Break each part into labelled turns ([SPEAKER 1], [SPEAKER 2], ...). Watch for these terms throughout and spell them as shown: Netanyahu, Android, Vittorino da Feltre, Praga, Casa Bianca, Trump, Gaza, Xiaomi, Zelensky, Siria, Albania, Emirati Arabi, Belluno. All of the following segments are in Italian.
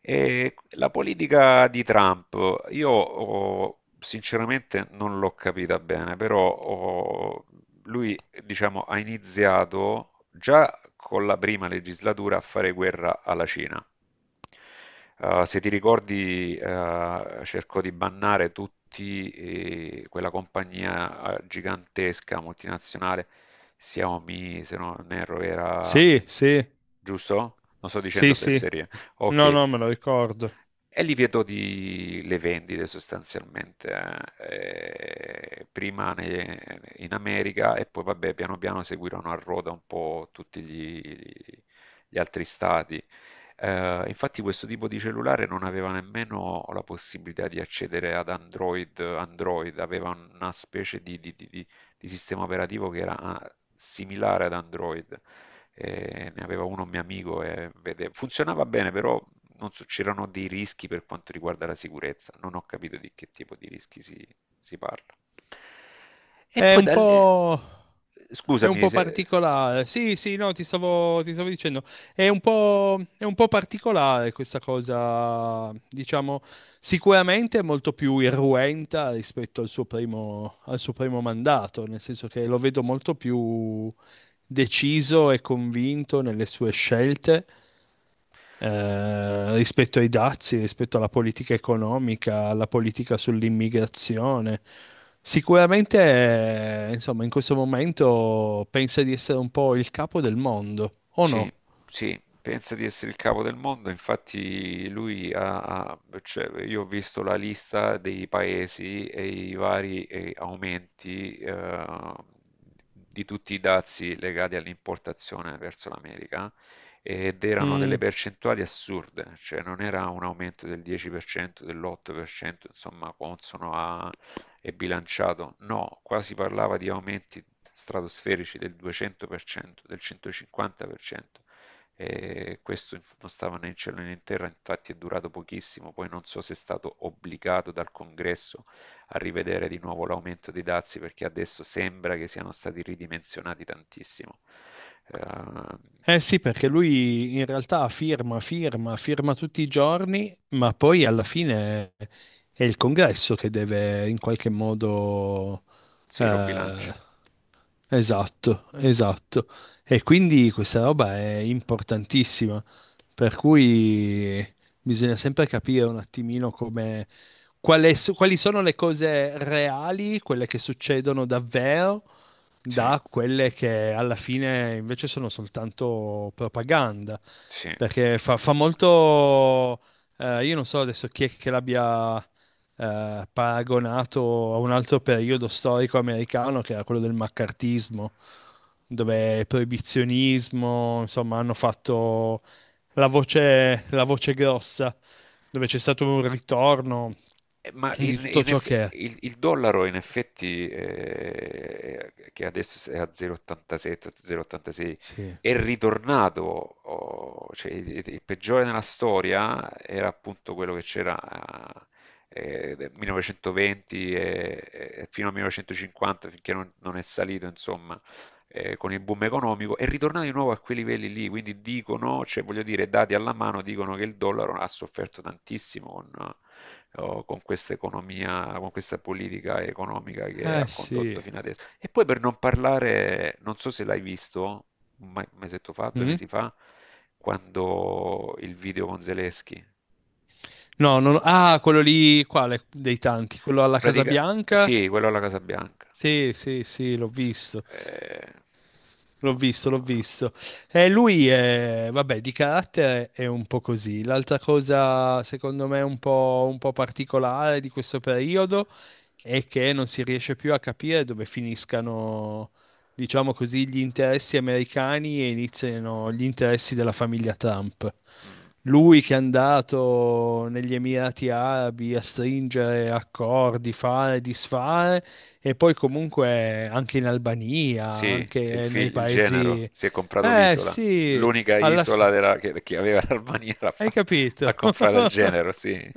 [SPEAKER 1] E la politica di Trump, io oh, sinceramente non l'ho capita bene, però oh, lui diciamo, ha iniziato già con la prima legislatura a fare guerra alla Cina. Se ti ricordi, cercò di bannare tutti quella compagnia gigantesca multinazionale Xiaomi, se non erro, era
[SPEAKER 2] Sì, sì,
[SPEAKER 1] giusto? Non sto
[SPEAKER 2] sì,
[SPEAKER 1] dicendo
[SPEAKER 2] sì.
[SPEAKER 1] fesserie.
[SPEAKER 2] No,
[SPEAKER 1] Ok.
[SPEAKER 2] no, me lo ricordo.
[SPEAKER 1] E li vedo di, le vendite sostanzialmente, prima in America e poi vabbè piano piano seguirono a ruota un po' tutti gli altri stati. Infatti questo tipo di cellulare non aveva nemmeno la possibilità di accedere ad Android, Android aveva una specie di, di sistema operativo che era similare ad Android, ne aveva uno un mio amico e funzionava bene, però non so- c'erano dei rischi per quanto riguarda la sicurezza, non ho capito di che tipo di rischi si, si parla. E
[SPEAKER 2] È
[SPEAKER 1] poi
[SPEAKER 2] un
[SPEAKER 1] da lì,
[SPEAKER 2] po'
[SPEAKER 1] scusami se...
[SPEAKER 2] particolare. Sì, sì, no, ti stavo dicendo. È un po' particolare questa cosa, diciamo, sicuramente è molto più irruenta rispetto al suo primo mandato, nel senso che lo vedo molto più deciso e convinto nelle sue scelte. Rispetto ai dazi, rispetto alla politica economica, alla politica sull'immigrazione. Sicuramente, insomma, in questo momento pensa di essere un po' il capo del mondo, o
[SPEAKER 1] Sì,
[SPEAKER 2] no?
[SPEAKER 1] sì, pensa di essere il capo del mondo, infatti lui cioè, io ho visto la lista dei paesi e i vari aumenti di tutti i dazi legati all'importazione verso l'America, ed erano
[SPEAKER 2] Mm.
[SPEAKER 1] delle percentuali assurde, cioè non era un aumento del 10%, dell'8%, insomma, consono a e bilanciato, no, qua si parlava di aumenti stratosferici del 200%, del 150%, e questo non stava né in cielo né in terra, infatti è durato pochissimo, poi non so se è stato obbligato dal congresso a rivedere di nuovo l'aumento dei dazi perché adesso sembra che siano stati ridimensionati tantissimo. Eh,
[SPEAKER 2] Eh sì, perché lui in realtà firma tutti i giorni, ma poi alla fine è il congresso che deve in qualche modo
[SPEAKER 1] sì, lo
[SPEAKER 2] eh,
[SPEAKER 1] bilancia,
[SPEAKER 2] esatto, esatto. E quindi questa roba è importantissima, per cui bisogna sempre capire un attimino come, quali sono le cose reali, quelle che succedono davvero,
[SPEAKER 1] sì,
[SPEAKER 2] da quelle che alla fine invece sono soltanto propaganda.
[SPEAKER 1] sì.
[SPEAKER 2] Perché fa molto... io non so adesso chi è che l'abbia paragonato a un altro periodo storico americano che era quello del maccartismo, dove proibizionismo, insomma, hanno fatto la voce grossa, dove c'è stato un ritorno
[SPEAKER 1] Ma
[SPEAKER 2] di tutto ciò che è.
[SPEAKER 1] il dollaro in effetti, che adesso è a 0,87, 0,86,
[SPEAKER 2] Sì.
[SPEAKER 1] è ritornato, oh, cioè, il peggiore nella storia era appunto quello che c'era nel 1920 e fino al 1950, finché non, non è salito, insomma, con il boom economico, è ritornato di nuovo a quei livelli lì, quindi dicono, cioè voglio dire, dati alla mano, dicono che il dollaro ha sofferto tantissimo con o con questa economia, con questa politica economica che
[SPEAKER 2] Eh
[SPEAKER 1] ha
[SPEAKER 2] sì.
[SPEAKER 1] condotto fino adesso. E poi per non parlare, non so se l'hai visto, un mesetto fa, due
[SPEAKER 2] Mm?
[SPEAKER 1] mesi fa, quando il video con Zelensky.
[SPEAKER 2] No, non... ah, quello lì, quale dei tanti? Quello alla Casa
[SPEAKER 1] Pratica-
[SPEAKER 2] Bianca?
[SPEAKER 1] sì, quello alla Casa Bianca.
[SPEAKER 2] Sì, sì, sì, l'ho visto.
[SPEAKER 1] Eh, non so.
[SPEAKER 2] L'ho
[SPEAKER 1] No.
[SPEAKER 2] visto. E lui è, vabbè, di carattere è un po' così. L'altra cosa, secondo me, un po' particolare di questo periodo è che non si riesce più a capire dove finiscano, diciamo così, gli interessi americani e iniziano gli interessi della famiglia Trump.
[SPEAKER 1] No. Mm,
[SPEAKER 2] Lui che è andato negli Emirati Arabi a stringere accordi, fare, disfare, e poi comunque anche in Albania,
[SPEAKER 1] sì, il,
[SPEAKER 2] anche nei
[SPEAKER 1] il genero
[SPEAKER 2] paesi...
[SPEAKER 1] si è comprato
[SPEAKER 2] Eh
[SPEAKER 1] l'isola,
[SPEAKER 2] sì,
[SPEAKER 1] l'unica
[SPEAKER 2] alla
[SPEAKER 1] isola
[SPEAKER 2] fine...
[SPEAKER 1] che aveva l'Albania
[SPEAKER 2] Hai
[SPEAKER 1] ha
[SPEAKER 2] capito?
[SPEAKER 1] comprato il genero, sì.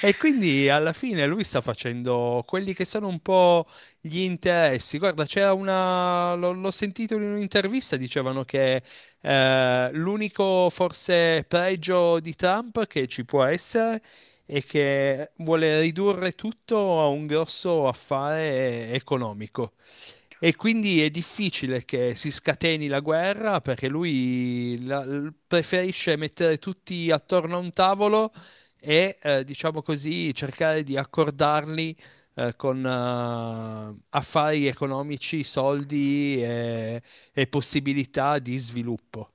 [SPEAKER 2] E quindi alla fine lui sta facendo quelli che sono un po' gli interessi. Guarda, c'era una. L'ho sentito in un'intervista, dicevano che l'unico forse pregio di Trump che ci può essere è che vuole ridurre tutto a un grosso affare economico. E quindi è difficile che si scateni la guerra perché lui preferisce mettere tutti attorno a un tavolo e, diciamo così, cercare di accordarli, con, affari economici, soldi e possibilità di sviluppo.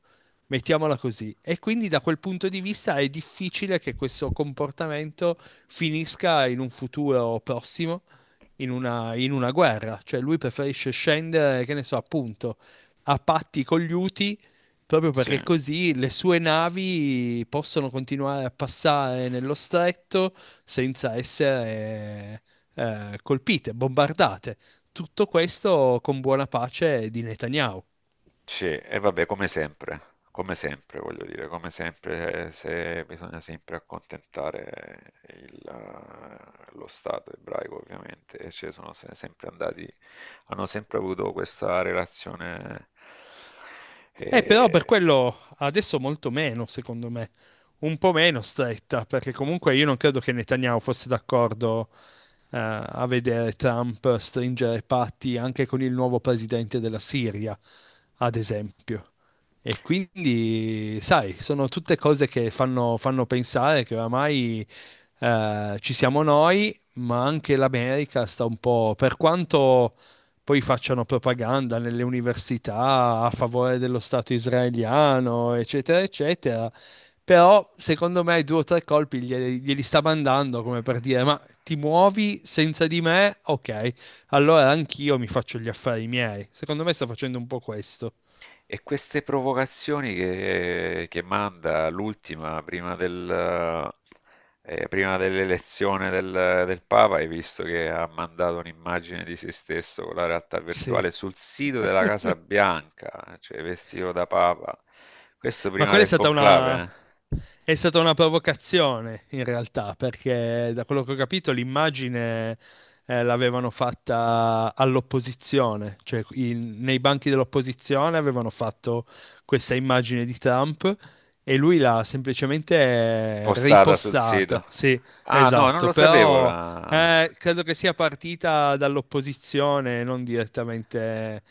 [SPEAKER 2] Mettiamola così. E quindi da quel punto di vista è difficile che questo comportamento finisca in un futuro prossimo in in una guerra. Cioè lui preferisce scendere, che ne so, appunto, a patti con gli Uti, proprio
[SPEAKER 1] Sì,
[SPEAKER 2] perché così le sue navi possono continuare a passare nello stretto senza essere colpite, bombardate. Tutto questo con buona pace di Netanyahu.
[SPEAKER 1] sì, e vabbè, come sempre, voglio dire, come sempre, se bisogna sempre accontentare il, lo Stato ebraico, ovviamente, e ci sono sempre andati, hanno sempre avuto questa relazione,
[SPEAKER 2] Però per
[SPEAKER 1] eh,
[SPEAKER 2] quello adesso molto meno, secondo me, un po' meno stretta, perché comunque io non credo che Netanyahu fosse d'accordo a vedere Trump stringere patti anche con il nuovo presidente della Siria, ad esempio. E quindi, sai, sono tutte cose che fanno, fanno pensare che oramai ci siamo noi, ma anche l'America sta un po', per quanto poi facciano propaganda nelle università a favore dello Stato israeliano, eccetera, eccetera. Però, secondo me, due o tre colpi glieli sta mandando come per dire: ma ti muovi senza di me, ok, allora anch'io mi faccio gli affari miei. Secondo me sta facendo un po' questo.
[SPEAKER 1] e queste provocazioni che manda l'ultima prima del, prima dell'elezione del, del Papa, hai visto che ha mandato un'immagine di se stesso con la realtà
[SPEAKER 2] Sì.
[SPEAKER 1] virtuale sul sito della Casa Bianca, cioè vestito da Papa. Questo
[SPEAKER 2] Ma
[SPEAKER 1] prima
[SPEAKER 2] quella è
[SPEAKER 1] del
[SPEAKER 2] stata
[SPEAKER 1] conclave,
[SPEAKER 2] una...
[SPEAKER 1] eh?
[SPEAKER 2] È stata una provocazione in realtà, perché da quello che ho capito l'immagine l'avevano fatta all'opposizione, cioè nei banchi dell'opposizione avevano fatto questa immagine di Trump e lui l'ha semplicemente
[SPEAKER 1] Postata sul sito.
[SPEAKER 2] ripostata. Sì,
[SPEAKER 1] Ah, no, non
[SPEAKER 2] esatto,
[SPEAKER 1] lo sapevo
[SPEAKER 2] però
[SPEAKER 1] la...
[SPEAKER 2] credo che sia partita dall'opposizione, non direttamente,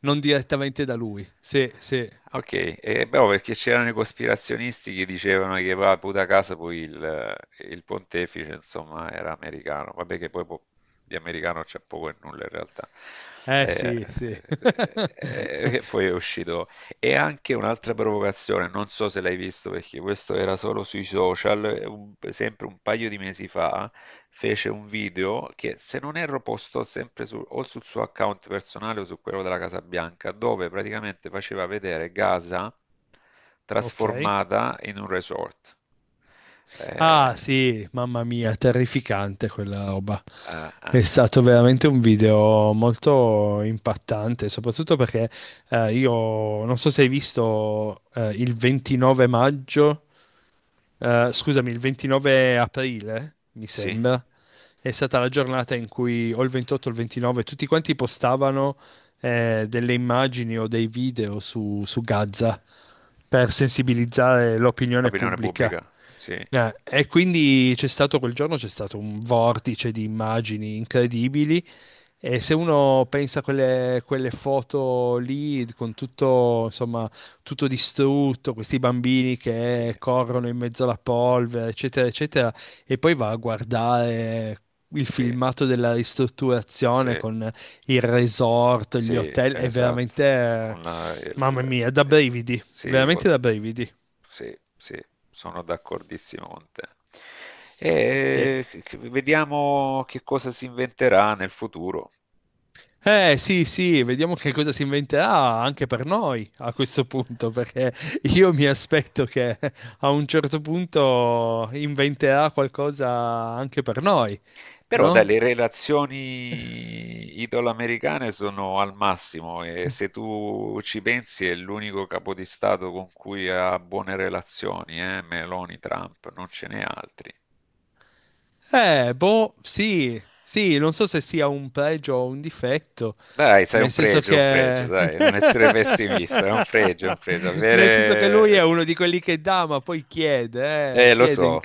[SPEAKER 2] non direttamente da lui. Sì, sì.
[SPEAKER 1] Ok, e beh, perché c'erano i cospirazionisti che dicevano che va puta casa poi il pontefice, insomma, era americano. Vabbè che poi di americano c'è poco e nulla in realtà.
[SPEAKER 2] Eh
[SPEAKER 1] Eh,
[SPEAKER 2] sì, sì.
[SPEAKER 1] E poi è uscito e anche un'altra provocazione, non so se l'hai visto perché questo era solo sui social, sempre un paio di mesi fa, fece un video che se non erro postò sempre o sul suo account personale o su quello della Casa Bianca, dove praticamente faceva vedere Gaza
[SPEAKER 2] Ok.
[SPEAKER 1] trasformata in un resort.
[SPEAKER 2] Ah,
[SPEAKER 1] Eh,
[SPEAKER 2] sì, mamma mia, terrificante quella roba.
[SPEAKER 1] ah, ah,
[SPEAKER 2] È
[SPEAKER 1] ah,
[SPEAKER 2] stato veramente un video molto impattante, soprattutto perché io non so se hai visto il 29 maggio. Scusami, il 29 aprile, mi
[SPEAKER 1] sì,
[SPEAKER 2] sembra, è stata la giornata in cui o il 28 o il 29 tutti quanti postavano delle immagini o dei video su Gaza per sensibilizzare l'opinione
[SPEAKER 1] l'opinione
[SPEAKER 2] pubblica.
[SPEAKER 1] pubblica, sì,
[SPEAKER 2] E quindi c'è stato quel giorno, c'è stato un vortice di immagini incredibili. E se uno pensa a quelle foto lì con tutto, insomma, tutto distrutto, questi bambini che
[SPEAKER 1] sì,
[SPEAKER 2] corrono in mezzo alla polvere, eccetera, eccetera, e poi va a guardare il
[SPEAKER 1] sì,
[SPEAKER 2] filmato della ristrutturazione
[SPEAKER 1] sì.
[SPEAKER 2] con il resort, gli
[SPEAKER 1] Sì,
[SPEAKER 2] hotel, è
[SPEAKER 1] esatto.
[SPEAKER 2] veramente,
[SPEAKER 1] Con la,
[SPEAKER 2] mamma
[SPEAKER 1] il,
[SPEAKER 2] mia, da
[SPEAKER 1] il-
[SPEAKER 2] brividi,
[SPEAKER 1] sì,
[SPEAKER 2] veramente da brividi.
[SPEAKER 1] sì, sì, sono d'accordissimo con te.
[SPEAKER 2] E-
[SPEAKER 1] E vediamo che cosa si inventerà nel futuro.
[SPEAKER 2] eh sì, sì, vediamo che cosa si inventerà anche per noi a questo punto, perché io mi aspetto che a un certo punto inventerà qualcosa anche per noi,
[SPEAKER 1] Però dai,
[SPEAKER 2] no?
[SPEAKER 1] le relazioni italo-americane sono al massimo e se tu ci pensi è l'unico capo di Stato con cui ha buone relazioni, eh? Meloni, Trump, non ce n'è altri.
[SPEAKER 2] Boh, sì, sì, non so se sia un pregio o un difetto,
[SPEAKER 1] Dai, sai,
[SPEAKER 2] nel senso
[SPEAKER 1] un pregio,
[SPEAKER 2] che...
[SPEAKER 1] dai, non essere pessimista, è un pregio, è un pregio.
[SPEAKER 2] nel senso che lui
[SPEAKER 1] Avere...
[SPEAKER 2] è uno di quelli che dà, ma poi chiede,
[SPEAKER 1] Eh, lo
[SPEAKER 2] chiede in
[SPEAKER 1] so,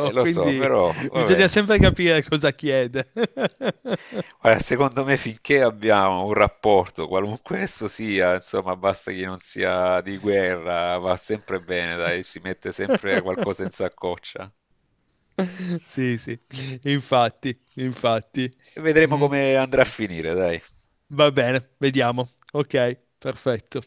[SPEAKER 1] lo so,
[SPEAKER 2] quindi
[SPEAKER 1] però va
[SPEAKER 2] bisogna
[SPEAKER 1] bene.
[SPEAKER 2] sempre capire cosa chiede.
[SPEAKER 1] Guarda, secondo me finché abbiamo un rapporto, qualunque esso sia, insomma, basta che non sia di guerra, va sempre bene, dai, si mette sempre qualcosa in saccoccia.
[SPEAKER 2] Sì, sì, infatti, infatti.
[SPEAKER 1] E vedremo
[SPEAKER 2] Mm,
[SPEAKER 1] come andrà a finire, dai.
[SPEAKER 2] va bene, vediamo. Ok, perfetto.